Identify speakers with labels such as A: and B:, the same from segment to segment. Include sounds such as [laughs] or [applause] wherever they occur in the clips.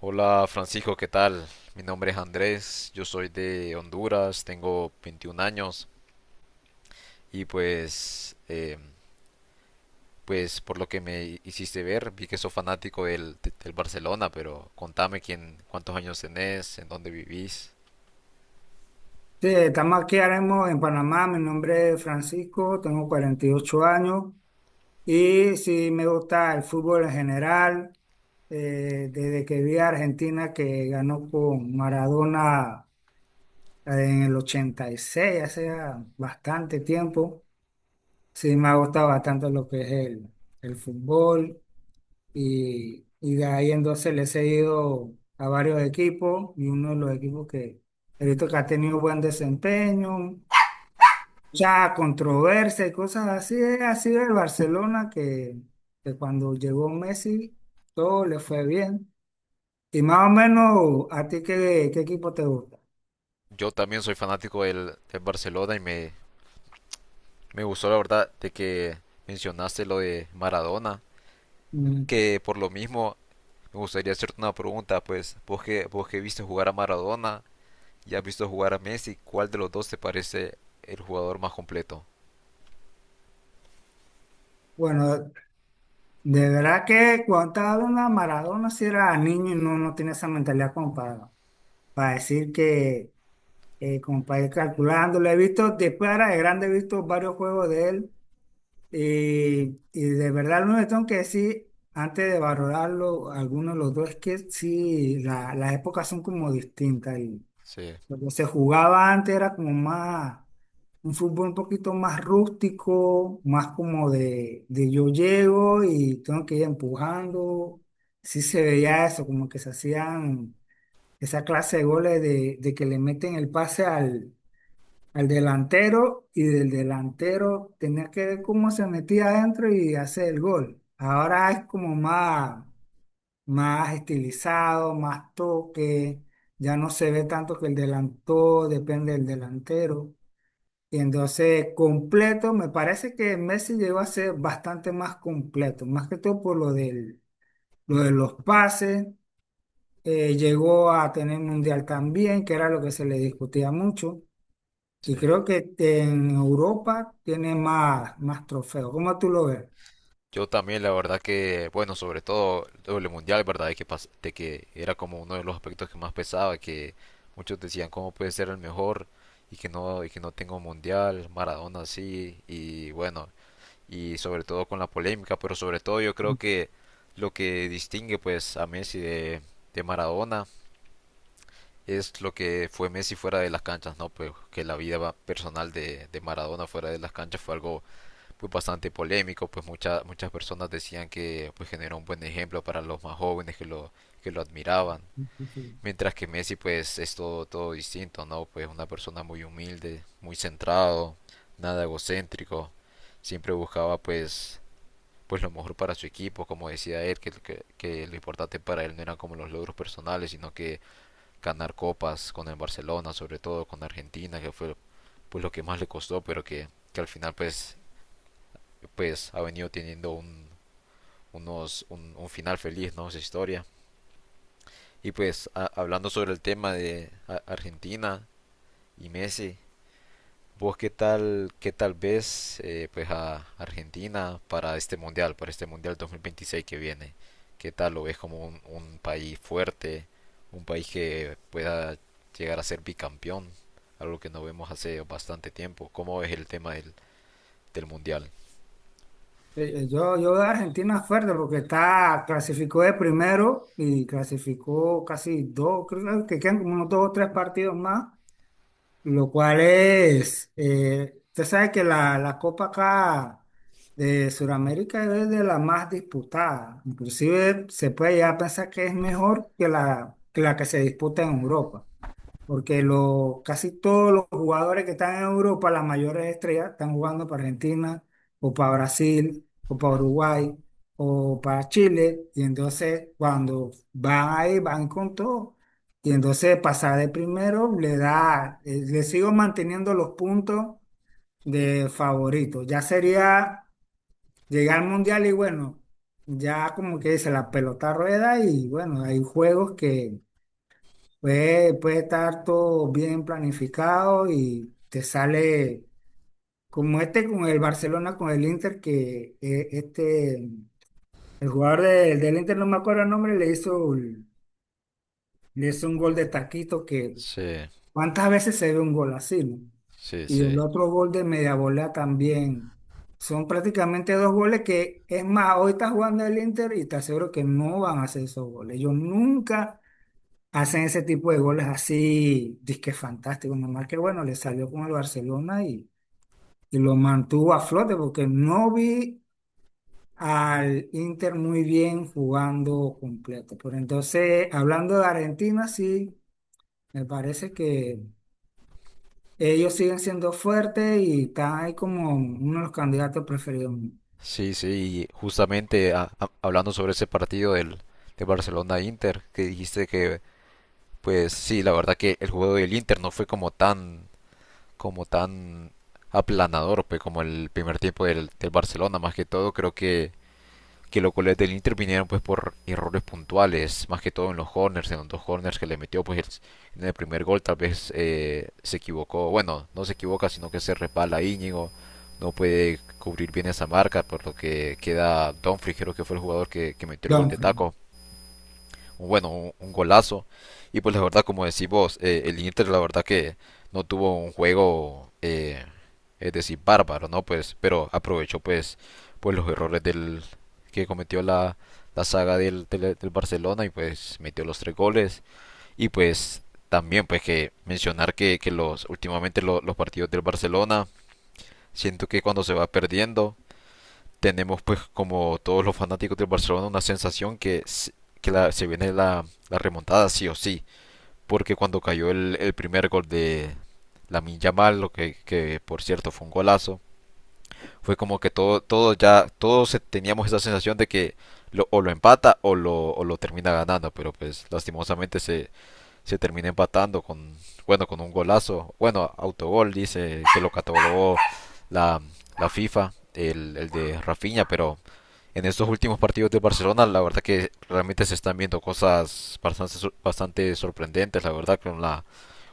A: Hola Francisco, ¿qué tal? Mi nombre es Andrés, yo soy de Honduras, tengo 21 años y pues por lo que me hiciste ver, vi que sos fanático del Barcelona, pero contame quién, cuántos años tenés, en dónde vivís.
B: Sí, estamos aquí ahora mismo en Panamá. Mi nombre es Francisco, tengo 48 años y sí me gusta el fútbol en general. Desde que vi a Argentina que ganó con Maradona en el 86, hace ya bastante tiempo. Sí me ha gustado bastante lo que es el fútbol y de ahí entonces le he seguido a varios equipos, y uno de los equipos que he visto que ha tenido buen desempeño, mucha controversia y cosas así, es así el Barcelona, que cuando llegó Messi todo le fue bien. Y más o menos, ¿a ti qué equipo te gusta?
A: Yo también soy fanático del Barcelona y me gustó la verdad de que mencionaste lo de Maradona,
B: Mm,
A: que por lo mismo me gustaría hacerte una pregunta, pues vos que, viste jugar a Maradona, y has visto jugar a Messi, ¿cuál de los dos te parece el jugador más completo?
B: Bueno, de verdad que cuando estaba hablando de Maradona, si era niño no tiene esa mentalidad como para decir como para ir calculando. Lo he visto, después era de grande, he visto varios juegos de él. Y de verdad, lo que tengo que decir, antes de valorarlo, algunos de los dos, es que sí, las épocas son como distintas. Y
A: Sí,
B: lo que se jugaba antes era como un fútbol un poquito más rústico, más como de yo llego y tengo que ir empujando. Sí se veía eso, como que se hacían esa clase de goles de que le meten el pase al delantero, y del delantero tenía que ver cómo se metía adentro y hacer el gol. Ahora es como más estilizado, más toque, ya no se ve tanto que el delantero depende del delantero. Y entonces completo, me parece que Messi llegó a ser bastante más completo, más que todo por lo lo de los pases. Llegó a tener mundial también, que era lo que se le discutía mucho. Y
A: sí.
B: creo que este, en Europa tiene más trofeos. ¿Cómo tú lo ves?
A: Yo también, la verdad que, bueno, sobre todo el mundial, ¿verdad? De que era como uno de los aspectos que más pesaba, que muchos decían cómo puede ser el mejor y que no, tengo mundial, Maradona sí, y bueno, y sobre todo con la polémica, pero sobre todo yo creo que lo que distingue pues a Messi de, Maradona es lo que fue Messi fuera de las canchas, ¿no? Pues que la vida personal de Maradona fuera de las canchas fue algo pues, bastante polémico, pues muchas personas decían que pues, generó un buen ejemplo para los más jóvenes que lo admiraban.
B: Sí, sí.
A: Mientras que Messi pues es todo, todo distinto, ¿no? Pues una persona muy humilde, muy centrado, nada egocéntrico, siempre buscaba pues lo mejor para su equipo, como decía él, que lo importante para él no eran como los logros personales, sino que ganar copas con el Barcelona, sobre todo con Argentina, que fue pues lo que más le costó, pero que al final pues ha venido teniendo un final feliz, ¿no? Esa historia. Y pues hablando sobre el tema de Argentina y Messi, ¿vos qué tal, ves pues a Argentina para este mundial 2026 que viene? ¿Qué tal lo ves como un país fuerte, un país que pueda llegar a ser bicampeón? Algo que no vemos hace bastante tiempo. ¿Cómo ves el tema del mundial?
B: Yo de Argentina fuerte porque está, clasificó de primero y clasificó casi dos, creo que quedan como unos dos o tres partidos más, lo cual es, usted sabe que la Copa acá de Sudamérica es de la más disputada, inclusive se puede ya pensar que es mejor que que la que se disputa en Europa. Porque lo, casi todos los jugadores que están en Europa, las mayores estrellas, están jugando para Argentina, o para Brasil, o para Uruguay, o para Chile. Y entonces, cuando van ahí, van con todo. Y entonces, pasar de primero le da, le sigo manteniendo los puntos de favorito. Ya sería llegar al mundial y bueno, ya como que dice, la pelota rueda. Y bueno, hay juegos que... Puede estar todo bien planificado y te sale como este con el Barcelona, con el Inter, que el jugador del Inter, no me acuerdo el nombre, le le hizo un gol de taquito que
A: Sí,
B: cuántas veces se ve un gol así, ¿no?
A: sí,
B: Y
A: sí.
B: el otro gol de media volea también. Son prácticamente dos goles que, es más, hoy está jugando el Inter y te aseguro que no van a hacer esos goles. Yo nunca hacen ese tipo de goles así, disque fantásticos. Nomás que bueno, le salió con el Barcelona y lo mantuvo a flote porque no vi al Inter muy bien jugando completo. Pero entonces, hablando de Argentina, sí, me parece que ellos siguen siendo fuertes y están ahí como uno de los candidatos preferidos míos.
A: Sí, sí, y justamente hablando sobre ese partido de Barcelona-Inter, que dijiste que, pues sí, la verdad que el juego del Inter no fue como tan aplanador, pues, como el primer tiempo del Barcelona, más que todo creo que los goles del Inter vinieron pues por errores puntuales, más que todo en los corners, en los dos corners que le metió pues en el primer gol tal vez se equivocó, bueno, no se equivoca sino que se resbala Íñigo, no puede cubrir bien esa marca, por lo que queda Dumfries creo que fue el jugador que metió el gol de
B: Dumfries.
A: taco, bueno, un golazo. Y pues la verdad, como decís vos, el Inter la verdad que no tuvo un juego, es decir, bárbaro, ¿no? Pues, pero aprovechó pues los errores que cometió la saga del Barcelona y pues metió los tres goles. Y pues también pues que mencionar que los últimamente los partidos del Barcelona, siento que cuando se va perdiendo, tenemos pues como todos los fanáticos del Barcelona una sensación que se viene la remontada sí o sí, porque cuando cayó el, primer gol de Lamine Yamal, lo que por cierto fue un golazo, fue como que todo, todo ya, todos teníamos esa sensación de que o lo empata o lo termina ganando, pero pues lastimosamente se termina empatando con, bueno, con un golazo, bueno, autogol dice que lo catalogó la, la FIFA, el de Rafinha, pero en estos últimos partidos de Barcelona, la verdad que realmente se están viendo cosas bastante, bastante sorprendentes, la verdad,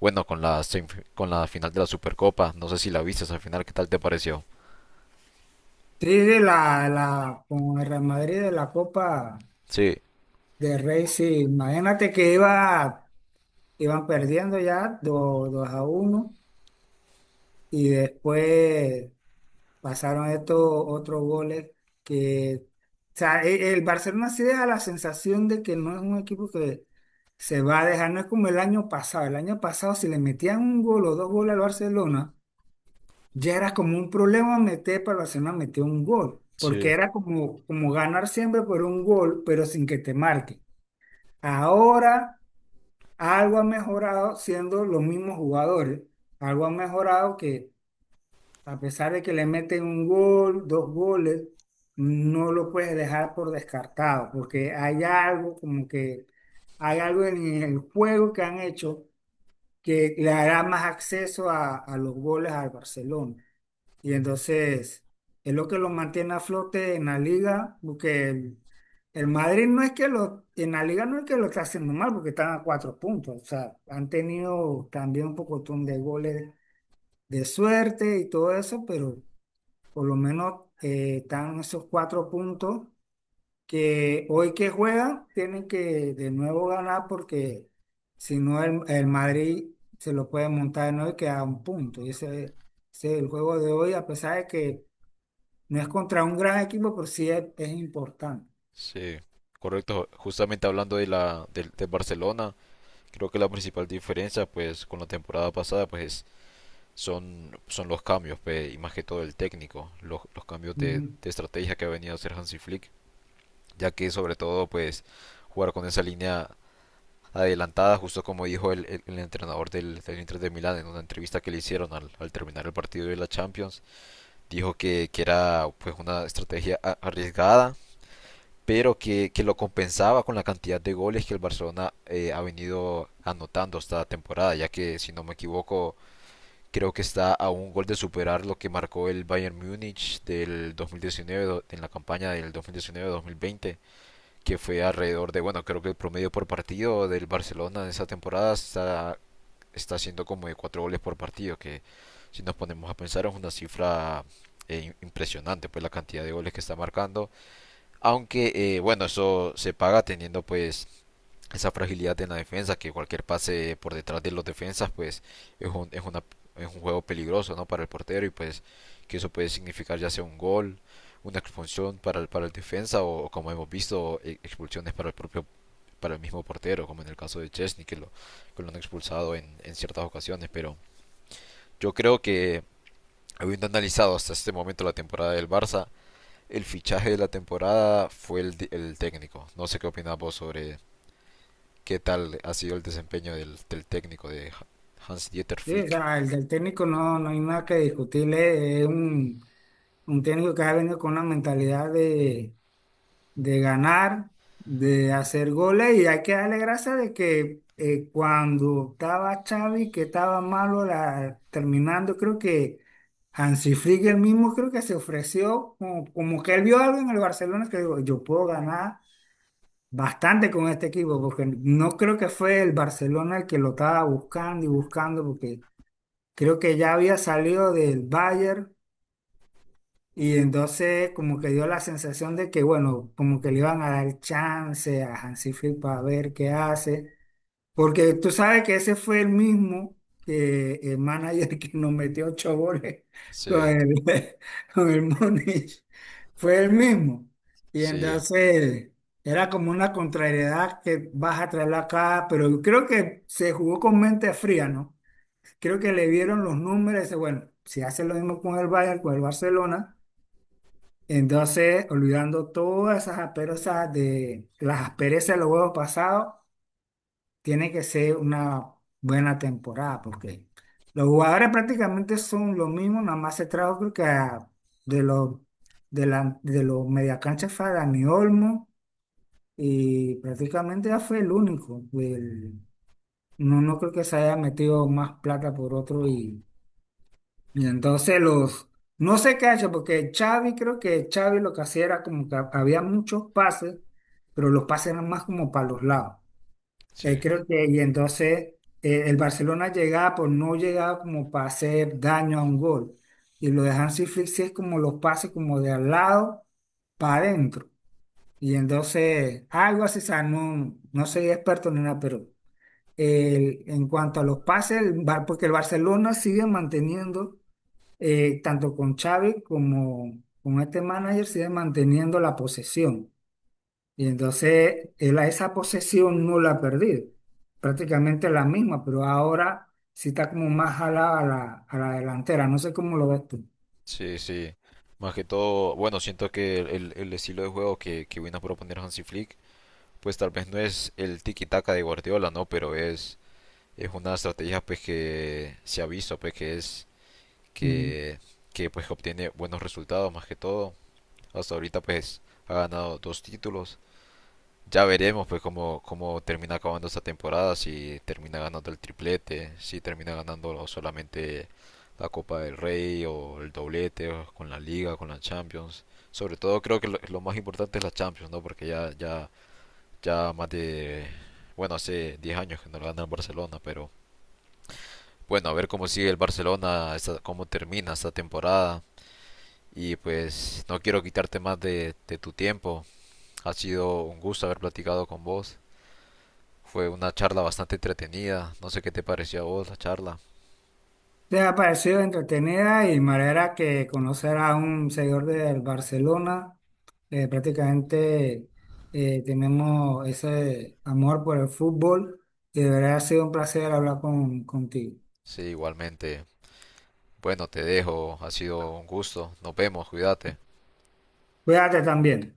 A: bueno, con la final de la Supercopa. No sé si la viste esa final, ¿qué tal te pareció?
B: Sí, de la, con el Real Madrid de la Copa
A: Sí,
B: de Rey, sí, imagínate que iban perdiendo ya 2 a uno, y después pasaron estos otros goles que, o sea, el Barcelona sí deja la sensación de que no es un equipo que se va a dejar. No es como el año pasado. El año pasado si le metían un gol o dos goles al Barcelona, ya era como un problema meter, para el Barcelona meter un gol,
A: sí,
B: porque era como, como ganar siempre por un gol, pero sin que te marque. Ahora... Algo ha mejorado siendo los mismos jugadores. Algo ha mejorado, que a pesar de que le meten un gol, dos goles, no lo puedes dejar por descartado, porque hay algo como que, hay algo en el juego que han hecho que le dará más acceso a los goles al Barcelona. Y entonces es lo que lo mantiene a flote en la liga, porque el Madrid no es que lo, en la liga no es que lo está haciendo mal, porque están a cuatro puntos. O sea, han tenido también un pocotón de goles de suerte y todo eso, pero por lo menos están esos cuatro puntos, que hoy que juegan tienen que de nuevo ganar, porque si no el Madrid se lo puede montar de nuevo y queda a un punto. Y ese es el juego de hoy, a pesar de que no es contra un gran equipo, pero sí es importante.
A: sí, correcto. Justamente hablando de Barcelona, creo que la principal diferencia, pues, con la temporada pasada, pues, son los cambios, pues, y más que todo el técnico, los cambios de,
B: Ujú.
A: de estrategia que ha venido a hacer Hansi Flick, ya que sobre todo, pues, jugar con esa línea adelantada, justo como dijo el entrenador del Inter de Milán en una entrevista que le hicieron al terminar el partido de la Champions. Dijo que, era pues una estrategia arriesgada, pero que lo compensaba con la cantidad de goles que el Barcelona ha venido anotando esta temporada, ya que si no me equivoco, creo que está a un gol de superar lo que marcó el Bayern Múnich del 2019 en la campaña del 2019-2020 que fue alrededor de, bueno, creo que el promedio por partido del Barcelona en esa temporada está, siendo como de 4 goles por partido, que si nos ponemos a pensar es una cifra impresionante, pues la cantidad de goles que está marcando. Aunque, bueno, eso se paga teniendo pues esa fragilidad en la defensa, que cualquier pase por detrás de los defensas, pues es un, es una, es un juego peligroso, ¿no? Para el portero y pues que eso puede significar ya sea un gol, una expulsión para el defensa o como hemos visto expulsiones para el mismo portero, como en el caso de Chesney, que lo han expulsado en ciertas ocasiones, pero yo creo que habiendo analizado hasta este momento la temporada del Barça, el fichaje de la temporada fue el técnico. No sé qué opinas vos sobre, qué tal ha sido el desempeño del técnico de Hans-Dieter
B: Sí, o
A: Flick.
B: sea, el del técnico no hay nada que discutirle. Es un técnico que ha venido con una mentalidad de ganar, de hacer goles, y hay que darle gracias de que cuando estaba Xavi, que estaba malo la, terminando, creo que Hansi Flick el mismo, creo que se ofreció como, como que él vio algo en el Barcelona que dijo, yo puedo ganar bastante con este equipo, porque no creo que fue el Barcelona el que lo estaba buscando y buscando, porque creo que ya había salido del Bayern, y entonces como que dio la sensación de que, bueno, como que le iban a dar chance a Hansi Flick para ver qué hace. Porque tú sabes que ese fue el mismo, que el manager que nos metió ocho goles
A: Sí,
B: con el, [laughs] con el Múnich. Fue el mismo. Y
A: sí,
B: entonces era como una contrariedad que vas a traerla acá, pero yo creo que se jugó con mente fría, ¿no? Creo que le vieron los números y dice, bueno, si hace lo mismo con el Bayern, con el Barcelona, entonces olvidando todas esas asperezas de las asperezas de los juegos pasados, tiene que ser una buena temporada, porque los jugadores prácticamente son lo mismo, nada más se trajo creo que de los de la de los mediacanchas fue a Dani Olmo, y prácticamente ya fue el único. No, no creo que se haya metido más plata por otro,
A: no,
B: y entonces los, no sé qué ha hecho, porque Xavi, creo que Xavi lo que hacía era como que había muchos pases, pero los pases eran más como para los lados.
A: sí,
B: Creo que, y entonces el Barcelona llegaba, pues no llegaba como para hacer daño a un gol. Y lo de Hansi Flick sí es como los pases como de al lado para adentro. Y entonces algo así, o sea, no soy experto ni nada, pero en cuanto a los pases, el porque el Barcelona sigue manteniendo, tanto con Xavi como con este manager, sigue manteniendo la posesión. Y entonces él a esa posesión no la ha perdido, prácticamente la misma, pero ahora sí está como más jalada a a la delantera, no sé cómo lo ves tú.
A: sí, sí. Más que todo, bueno, siento que el estilo de juego que vino a proponer Hansi Flick, pues tal vez no es el tiki-taka de Guardiola, ¿no? Pero es una estrategia pues que se ha visto, pues
B: Ujú.
A: que, que pues obtiene buenos resultados más que todo. Hasta ahorita pues ha ganado dos títulos. Ya veremos pues cómo termina acabando esta temporada, si termina ganando el triplete, si termina ganando solamente la Copa del Rey o el doblete o con la Liga, con la Champions. Sobre todo creo que lo, más importante es la Champions, ¿no? Porque ya, ya, ya más de, bueno, hace 10 años que no la gana el Barcelona, pero bueno, a ver cómo sigue el Barcelona, cómo termina esta temporada. Y pues no quiero quitarte más de tu tiempo. Ha sido un gusto haber platicado con vos. Fue una charla bastante entretenida. No sé qué te pareció a vos la charla.
B: ¿Te ha parecido entretenida y manera que conocer a un seguidor del Barcelona? Prácticamente tenemos ese amor por el fútbol, y de verdad ha sido un placer hablar contigo.
A: Sí, igualmente. Bueno, te dejo. Ha sido un gusto. Nos vemos. Cuídate.
B: Cuídate también.